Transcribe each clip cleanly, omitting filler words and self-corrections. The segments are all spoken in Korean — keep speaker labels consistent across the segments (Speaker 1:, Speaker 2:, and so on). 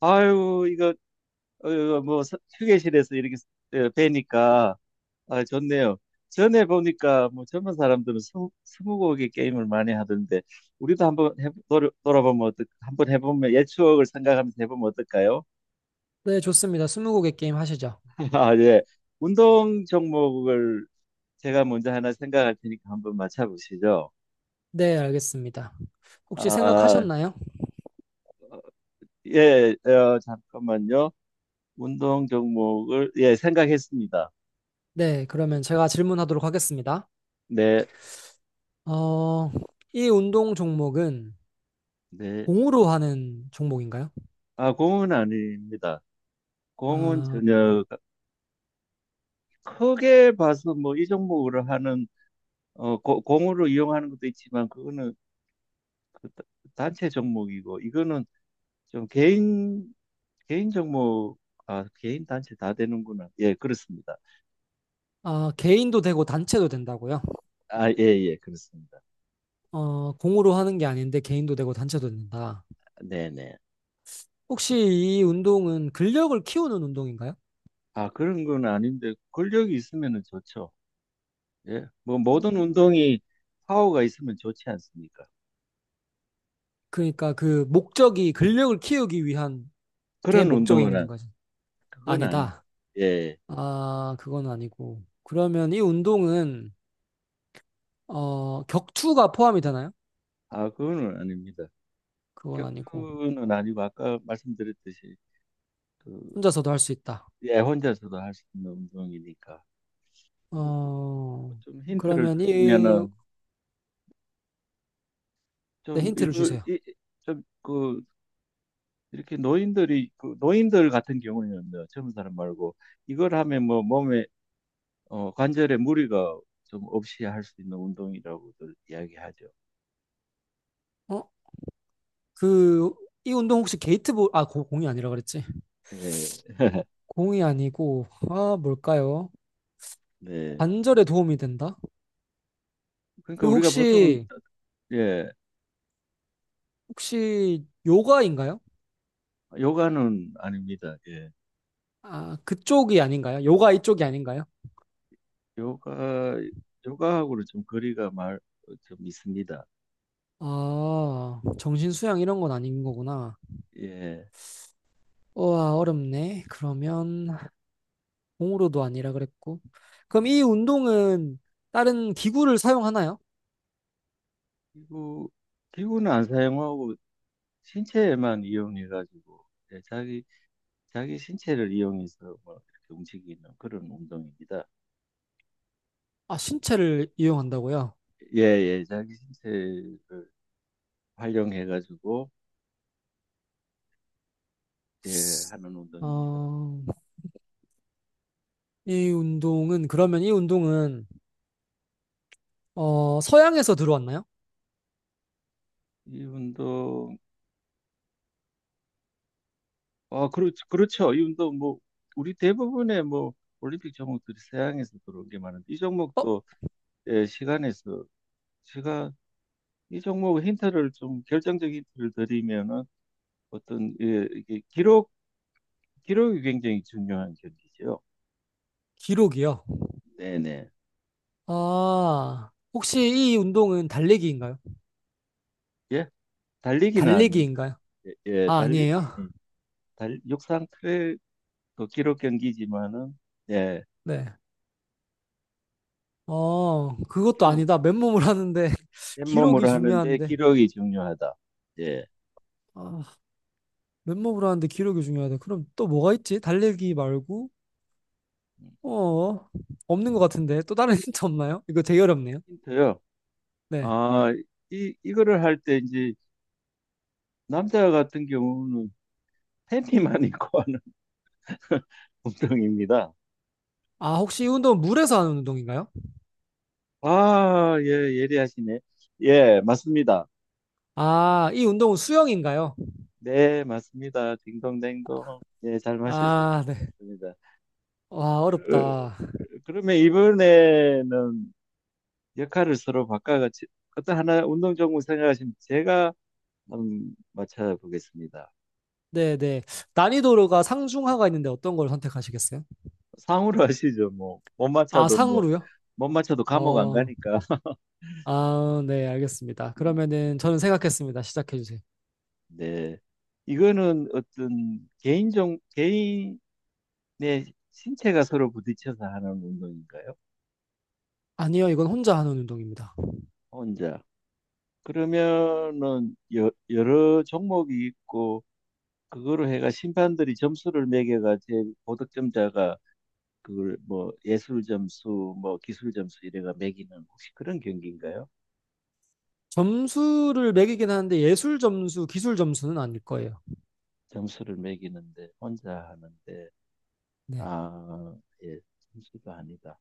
Speaker 1: 아유, 이거, 어, 뭐, 휴게실에서 이렇게 뵈니까, 아, 좋네요. 전에 보니까, 뭐, 젊은 사람들은 스무고개 게임을 많이 하던데, 우리도 돌아보면 한번 해보면, 옛 추억을 생각하면서 해보면 어떨까요?
Speaker 2: 네, 좋습니다. 스무고개 게임 하시죠.
Speaker 1: 아, 예. 운동 종목을 제가 먼저 하나 생각할 테니까 한번 맞춰보시죠.
Speaker 2: 네, 알겠습니다. 혹시
Speaker 1: 아,
Speaker 2: 생각하셨나요?
Speaker 1: 예, 잠깐만요. 운동 종목을, 예, 생각했습니다.
Speaker 2: 네, 그러면 제가 질문하도록 하겠습니다.
Speaker 1: 네,
Speaker 2: 어, 이 운동 종목은
Speaker 1: 네.
Speaker 2: 공으로 하는 종목인가요?
Speaker 1: 아, 공은 아닙니다. 공은
Speaker 2: 어,
Speaker 1: 전혀 크게 봐서 뭐 이 종목으로 하는 공으로 이용하는 것도 있지만 그거는 그 다- 단체 종목이고 이거는 좀 개인 종목. 아 개인 단체 다 되는구나. 예, 그렇습니다.
Speaker 2: 아, 개인도 되고 단체도 된다고요?
Speaker 1: 아, 예, 예, 그렇습니다.
Speaker 2: 공으로 하는 게 아닌데 개인도 되고 단체도 된다.
Speaker 1: 네, 네.
Speaker 2: 혹시 이 운동은 근력을 키우는 운동인가요?
Speaker 1: 아, 그런 건 아닌데 권력이 있으면은 좋죠. 예. 뭐 모든
Speaker 2: 어,
Speaker 1: 운동이 파워가 있으면 좋지 않습니까?
Speaker 2: 그러니까 그 목적이 근력을 키우기 위한 게
Speaker 1: 그런 운동은
Speaker 2: 목적인
Speaker 1: 안-
Speaker 2: 거지.
Speaker 1: 그건 아닙니다.
Speaker 2: 아니다.
Speaker 1: 예.
Speaker 2: 아, 그건 아니고. 그러면 이 운동은, 격투가 포함이 되나요?
Speaker 1: 아, 그거는 아닙니다.
Speaker 2: 그건 아니고.
Speaker 1: 격투는 아니고 아까 말씀드렸듯이 그,
Speaker 2: 혼자서도 할 수 있다.
Speaker 1: 예, 혼자서도 할 수 있는 운동이니까. 그리고 뭐
Speaker 2: 어,
Speaker 1: 좀 힌트를
Speaker 2: 그러면 이,
Speaker 1: 드리면은
Speaker 2: 네,
Speaker 1: 좀
Speaker 2: 힌트를
Speaker 1: 이걸
Speaker 2: 주세요.
Speaker 1: 좀 그 이렇게 노인들이 그 노인들 같은 경우에는 젊은 사람 말고 이걸 하면 뭐 몸에 관절에 무리가 좀 없이 할 수 있는 운동이라고들 이야기하죠.
Speaker 2: 어, 그, 이 운동 혹시 게이트볼, 아, 공이 아니라 그랬지.
Speaker 1: 예.
Speaker 2: 공이 아니고, 아, 뭘까요?
Speaker 1: 네.
Speaker 2: 관절에 도움이 된다?
Speaker 1: 그러니까
Speaker 2: 그
Speaker 1: 우리가 보통,
Speaker 2: 혹시,
Speaker 1: 예,
Speaker 2: 혹시 요가인가요?
Speaker 1: 요가는 아닙니다. 예.
Speaker 2: 아, 그쪽이 아닌가요? 요가 이쪽이 아닌가요?
Speaker 1: 요가, 요가하고는 좀 거리가 좀 있습니다.
Speaker 2: 아, 정신 수양 이런 건 아닌 거구나.
Speaker 1: 예.
Speaker 2: 우와, 어렵네. 그러면 공으로도 아니라 그랬고. 그럼 이 운동은 다른 기구를 사용하나요?
Speaker 1: 기구, 기구는 안 사용하고 신체에만 이용해가지고, 예, 자기, 자기 신체를 이용해서 뭐 이렇게 움직이는 그런 운동입니다.
Speaker 2: 아, 신체를 이용한다고요?
Speaker 1: 예, 예, 자기 신체를 활용해가지고, 예, 하는 운동입니다.
Speaker 2: 어, 이 운동은, 그러면 이 운동은, 서양에서 들어왔나요?
Speaker 1: 이 운동, 아, 그렇죠. 이 운동, 뭐, 우리 대부분의 뭐, 올림픽 종목들이 서양에서 들어온 게 많은데, 이
Speaker 2: 어,
Speaker 1: 종목도, 예, 시간에서 제가 이 종목 힌트를 좀 결정적인 힌트를 드리면은 어떤, 예, 이게 기록이 굉장히 중요한 경기죠.
Speaker 2: 기록이요.
Speaker 1: 네네.
Speaker 2: 아, 혹시 이 운동은 달리기인가요?
Speaker 1: 예, 달리기는 아닙니다.
Speaker 2: 달리기인가요?
Speaker 1: 예, 예,
Speaker 2: 아, 아니에요?
Speaker 1: 달리기 달 육상 트랙 그 기록 경기지만은, 예,
Speaker 2: 네. 어, 그것도
Speaker 1: 기록,
Speaker 2: 아니다. 맨몸을 하는데, 기록이
Speaker 1: 맨몸으로 하는데
Speaker 2: 중요한데.
Speaker 1: 기록이 중요하다. 예,
Speaker 2: 아, 맨몸으로 하는데 기록이 중요하다. 그럼 또 뭐가 있지? 달리기 말고?
Speaker 1: 음,
Speaker 2: 어, 없는 것 같은데. 또 다른 힌트 없나요? 이거 되게 어렵네요.
Speaker 1: 힌트요.
Speaker 2: 네.
Speaker 1: 아, 이 이거를 할 때 이제 남자 같은 경우는 팬티만 입고 하는 운동입니다.
Speaker 2: 아, 혹시 이 운동은 물에서 하는 운동인가요?
Speaker 1: 아, 예, 예리하시네. 예, 맞습니다.
Speaker 2: 아, 이 운동은 수영인가요?
Speaker 1: 네, 맞습니다. 딩동댕동. 예, 잘
Speaker 2: 아, 네.
Speaker 1: 맞추셨습니다.
Speaker 2: 와,
Speaker 1: 그,
Speaker 2: 어렵다.
Speaker 1: 그러면 이번에는 역할을 서로 바꿔가지고 어떤 하나 운동 종목 생각하시면 제가 한번 맞춰보겠습니다.
Speaker 2: 네, 네. 난이도가 상중하가 있는데 어떤 걸 선택하시겠어요?
Speaker 1: 상으로 하시죠. 뭐, 못
Speaker 2: 아,
Speaker 1: 맞춰도 뭐,
Speaker 2: 상으로요?
Speaker 1: 못 맞춰도 감옥 안
Speaker 2: 어,
Speaker 1: 가니까.
Speaker 2: 아, 네, 알겠습니다.
Speaker 1: 음,
Speaker 2: 그러면은 저는 생각했습니다. 시작해주세요.
Speaker 1: 네. 이거는 어떤 개인 개인의 신체가 서로 부딪혀서 하는 운동인가요?
Speaker 2: 아니요, 이건 혼자 하는 운동입니다.
Speaker 1: 혼자. 그러면은 여러 종목이 있고 그거로 해가 심판들이 점수를 매겨가 제 고득점자가 그걸 뭐 예술 점수 뭐 기술 점수 이래가 매기는 혹시 그런 경기인가요?
Speaker 2: 점수를 매기긴 하는데 예술 점수, 기술 점수는 아닐 거예요.
Speaker 1: 점수를 매기는데 혼자 하는데,
Speaker 2: 네.
Speaker 1: 아, 예, 점수가 아니다.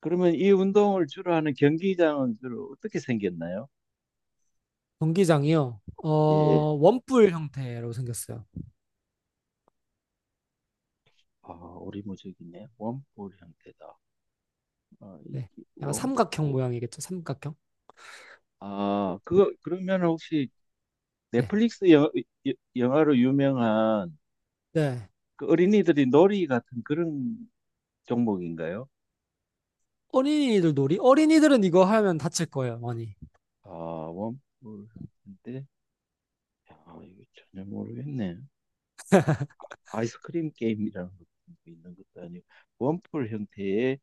Speaker 1: 그러면 이 운동을 주로 하는 경기장은 주로 어떻게 생겼나요?
Speaker 2: 경기장이요.
Speaker 1: 예.
Speaker 2: 원뿔 형태로 생겼어요.
Speaker 1: 아, 오리무중이네. 원볼 형태다. 아,
Speaker 2: 네.
Speaker 1: 이게
Speaker 2: 약간
Speaker 1: 원.
Speaker 2: 삼각형 모양이겠죠. 삼각형.
Speaker 1: 아, 그거 그러면 혹시
Speaker 2: 네.
Speaker 1: 넷플릭스 영화로 유명한
Speaker 2: 네.
Speaker 1: 그 어린이들이 놀이 같은 그런 종목인가요?
Speaker 2: 어린이들 놀이? 어린이들은 이거 하면 다칠 거예요, 많이.
Speaker 1: 아, 원뿔 인데 야, 이거 전혀 모르겠네. 아이스크림 게임이라는 것도 있는 것도 아니고 원뿔 형태의,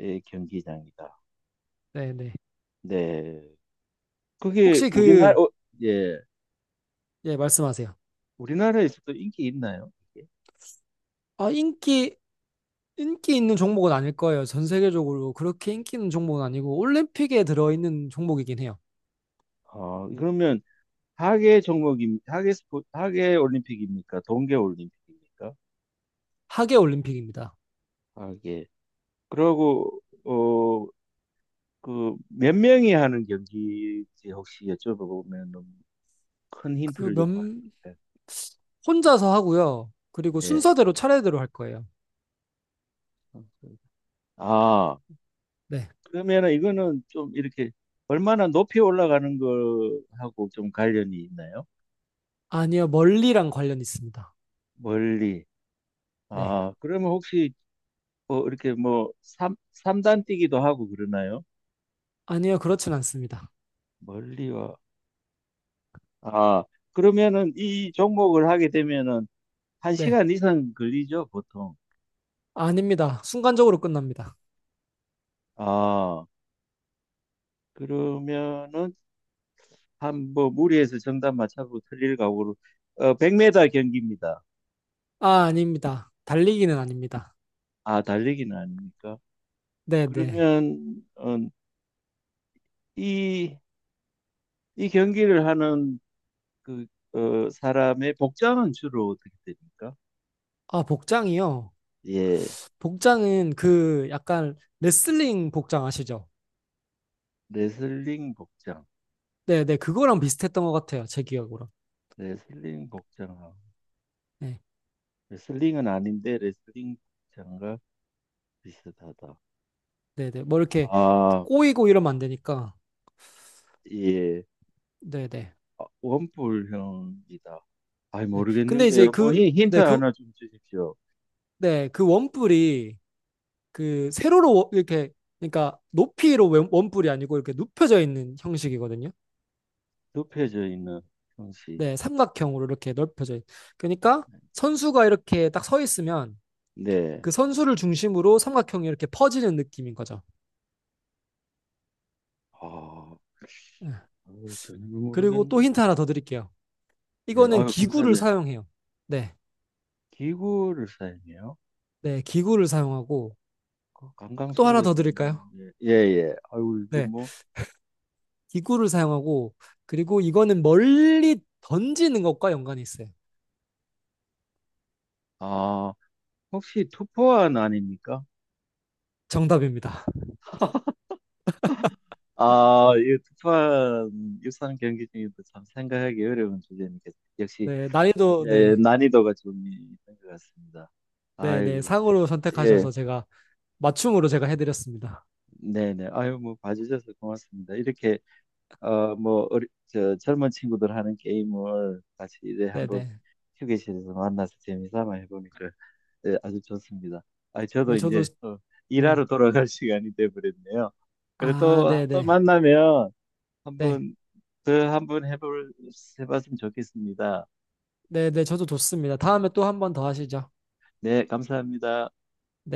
Speaker 1: 예, 경기장이다.
Speaker 2: 네, 네.
Speaker 1: 네, 그게
Speaker 2: 혹시 그,
Speaker 1: 우리나라 어, 예,
Speaker 2: 예, 말씀하세요.
Speaker 1: 우리나라에서도 인기 있나요? 이게?
Speaker 2: 아, 인기, 인기 있는 종목은 아닐 거예요. 전 세계적으로 그렇게 인기 있는 종목은 아니고 올림픽에 들어있는 종목이긴 해요.
Speaker 1: 아, 그러면 하계 올림픽입니까? 동계 올림픽입니까?
Speaker 2: 하계 올림픽입니다.
Speaker 1: 하계. 그러고 어 그 몇 명이 하는 경기인지 혹시 여쭤보면 너무 큰
Speaker 2: 그
Speaker 1: 힌트를
Speaker 2: 몇,
Speaker 1: 요구하는 것 예.
Speaker 2: 혼자서 하고요. 그리고
Speaker 1: 같아요.
Speaker 2: 순서대로 차례대로 할 거예요.
Speaker 1: 예. 아,
Speaker 2: 네.
Speaker 1: 그러면은 이거는 좀 이렇게 얼마나 높이 올라가는 거하고 좀 관련이 있나요?
Speaker 2: 아니요, 멀리랑 관련 있습니다.
Speaker 1: 멀리.
Speaker 2: 네.
Speaker 1: 아, 그러면 혹시 뭐 이렇게 뭐 삼단 뛰기도 하고 그러나요?
Speaker 2: 아니요, 그렇진 않습니다.
Speaker 1: 멀리와. 아, 그러면은 이 종목을 하게 되면은
Speaker 2: 네,
Speaker 1: 한시간 이상 걸리죠, 보통.
Speaker 2: 아닙니다. 순간적으로 끝납니다.
Speaker 1: 아, 그러면은 한뭐 무리해서 정답 맞춰보고 틀릴 각오로, 어, 100m 경기입니다.
Speaker 2: 아, 아닙니다. 달리기는 아닙니다.
Speaker 1: 아 달리기는 아닙니까?
Speaker 2: 네, 네.
Speaker 1: 그러면 어, 이, 이 경기를 하는 그 어, 사람의 복장은 주로 어떻게 됩니까?
Speaker 2: 아, 복장이요.
Speaker 1: 예,
Speaker 2: 복장은 그 약간 레슬링 복장 아시죠?
Speaker 1: 레슬링 복장,
Speaker 2: 네, 네. 그거랑 비슷했던 것 같아요. 제 기억으로.
Speaker 1: 레슬링 복장하고
Speaker 2: 네,
Speaker 1: 레슬링은 아닌데 레슬링 복장과 비슷하다.
Speaker 2: 네, 네. 뭐 이렇게
Speaker 1: 아
Speaker 2: 꼬이고 이러면 안 되니까.
Speaker 1: 예,
Speaker 2: 네, 네.
Speaker 1: 아, 원뿔형이다. 아이
Speaker 2: 네. 근데 이제
Speaker 1: 모르겠는데요. 뭐
Speaker 2: 그,
Speaker 1: 힌트
Speaker 2: 네, 그,
Speaker 1: 하나 좀 주십시오.
Speaker 2: 네, 그 원뿔이 그 세로로 이렇게, 그러니까 높이로 원뿔이 아니고 이렇게 눕혀져 있는 형식이거든요.
Speaker 1: 눕혀져 있는 형식.
Speaker 2: 네, 삼각형으로 이렇게 넓혀져 있. 그러니까 선수가 이렇게 딱 서 있으면
Speaker 1: 네.
Speaker 2: 그 선수를 중심으로 삼각형이 이렇게 퍼지는 느낌인 거죠.
Speaker 1: 아,
Speaker 2: 예.
Speaker 1: 아유, 전혀
Speaker 2: 그리고 또
Speaker 1: 모르겠는데.
Speaker 2: 힌트 하나 더 드릴게요.
Speaker 1: 예,
Speaker 2: 이거는
Speaker 1: 아유,
Speaker 2: 기구를
Speaker 1: 감사합니다.
Speaker 2: 사용해요. 네,
Speaker 1: 기구를 사용해요?
Speaker 2: 네, 기구를 사용하고
Speaker 1: 그
Speaker 2: 또 하나
Speaker 1: 강강술래도
Speaker 2: 더 드릴까요?
Speaker 1: 아닌데. 예, 예. 아유, 이거
Speaker 2: 네,
Speaker 1: 뭐.
Speaker 2: 기구를 사용하고 그리고 이거는 멀리 던지는 것과 연관이 있어요.
Speaker 1: 아, 혹시 투포환 아닙니까?
Speaker 2: 정답입니다.
Speaker 1: 아, 이 투포환 유산 경기 중에도 참 생각하기 어려운 주제니까 역시,
Speaker 2: 네, 난이도
Speaker 1: 예,
Speaker 2: 네,
Speaker 1: 난이도가 좀 있는 것 같습니다.
Speaker 2: 네, 네
Speaker 1: 아이고,
Speaker 2: 상으로
Speaker 1: 예.
Speaker 2: 선택하셔서 제가 맞춤으로 제가 해드렸습니다.
Speaker 1: 네네. 아유, 뭐, 봐주셔서 고맙습니다. 이렇게, 어, 뭐, 젊은 친구들 하는 게임을 같이 이래
Speaker 2: 네,
Speaker 1: 한번
Speaker 2: 네,
Speaker 1: 휴게실에서 만나서 재미삼아 해보니까, 예, 아주 좋습니다. 아, 저도
Speaker 2: 네, 저도
Speaker 1: 이제 또
Speaker 2: 음.
Speaker 1: 일하러 돌아갈 시간이 돼버렸네요. 그래
Speaker 2: 아,
Speaker 1: 또, 또
Speaker 2: 네네.
Speaker 1: 만나면
Speaker 2: 네.
Speaker 1: 한번 더 한번 해봤으면 좋겠습니다.
Speaker 2: 네네. 저도 좋습니다. 다음에 또 한 번 더 하시죠.
Speaker 1: 네, 감사합니다.
Speaker 2: 네.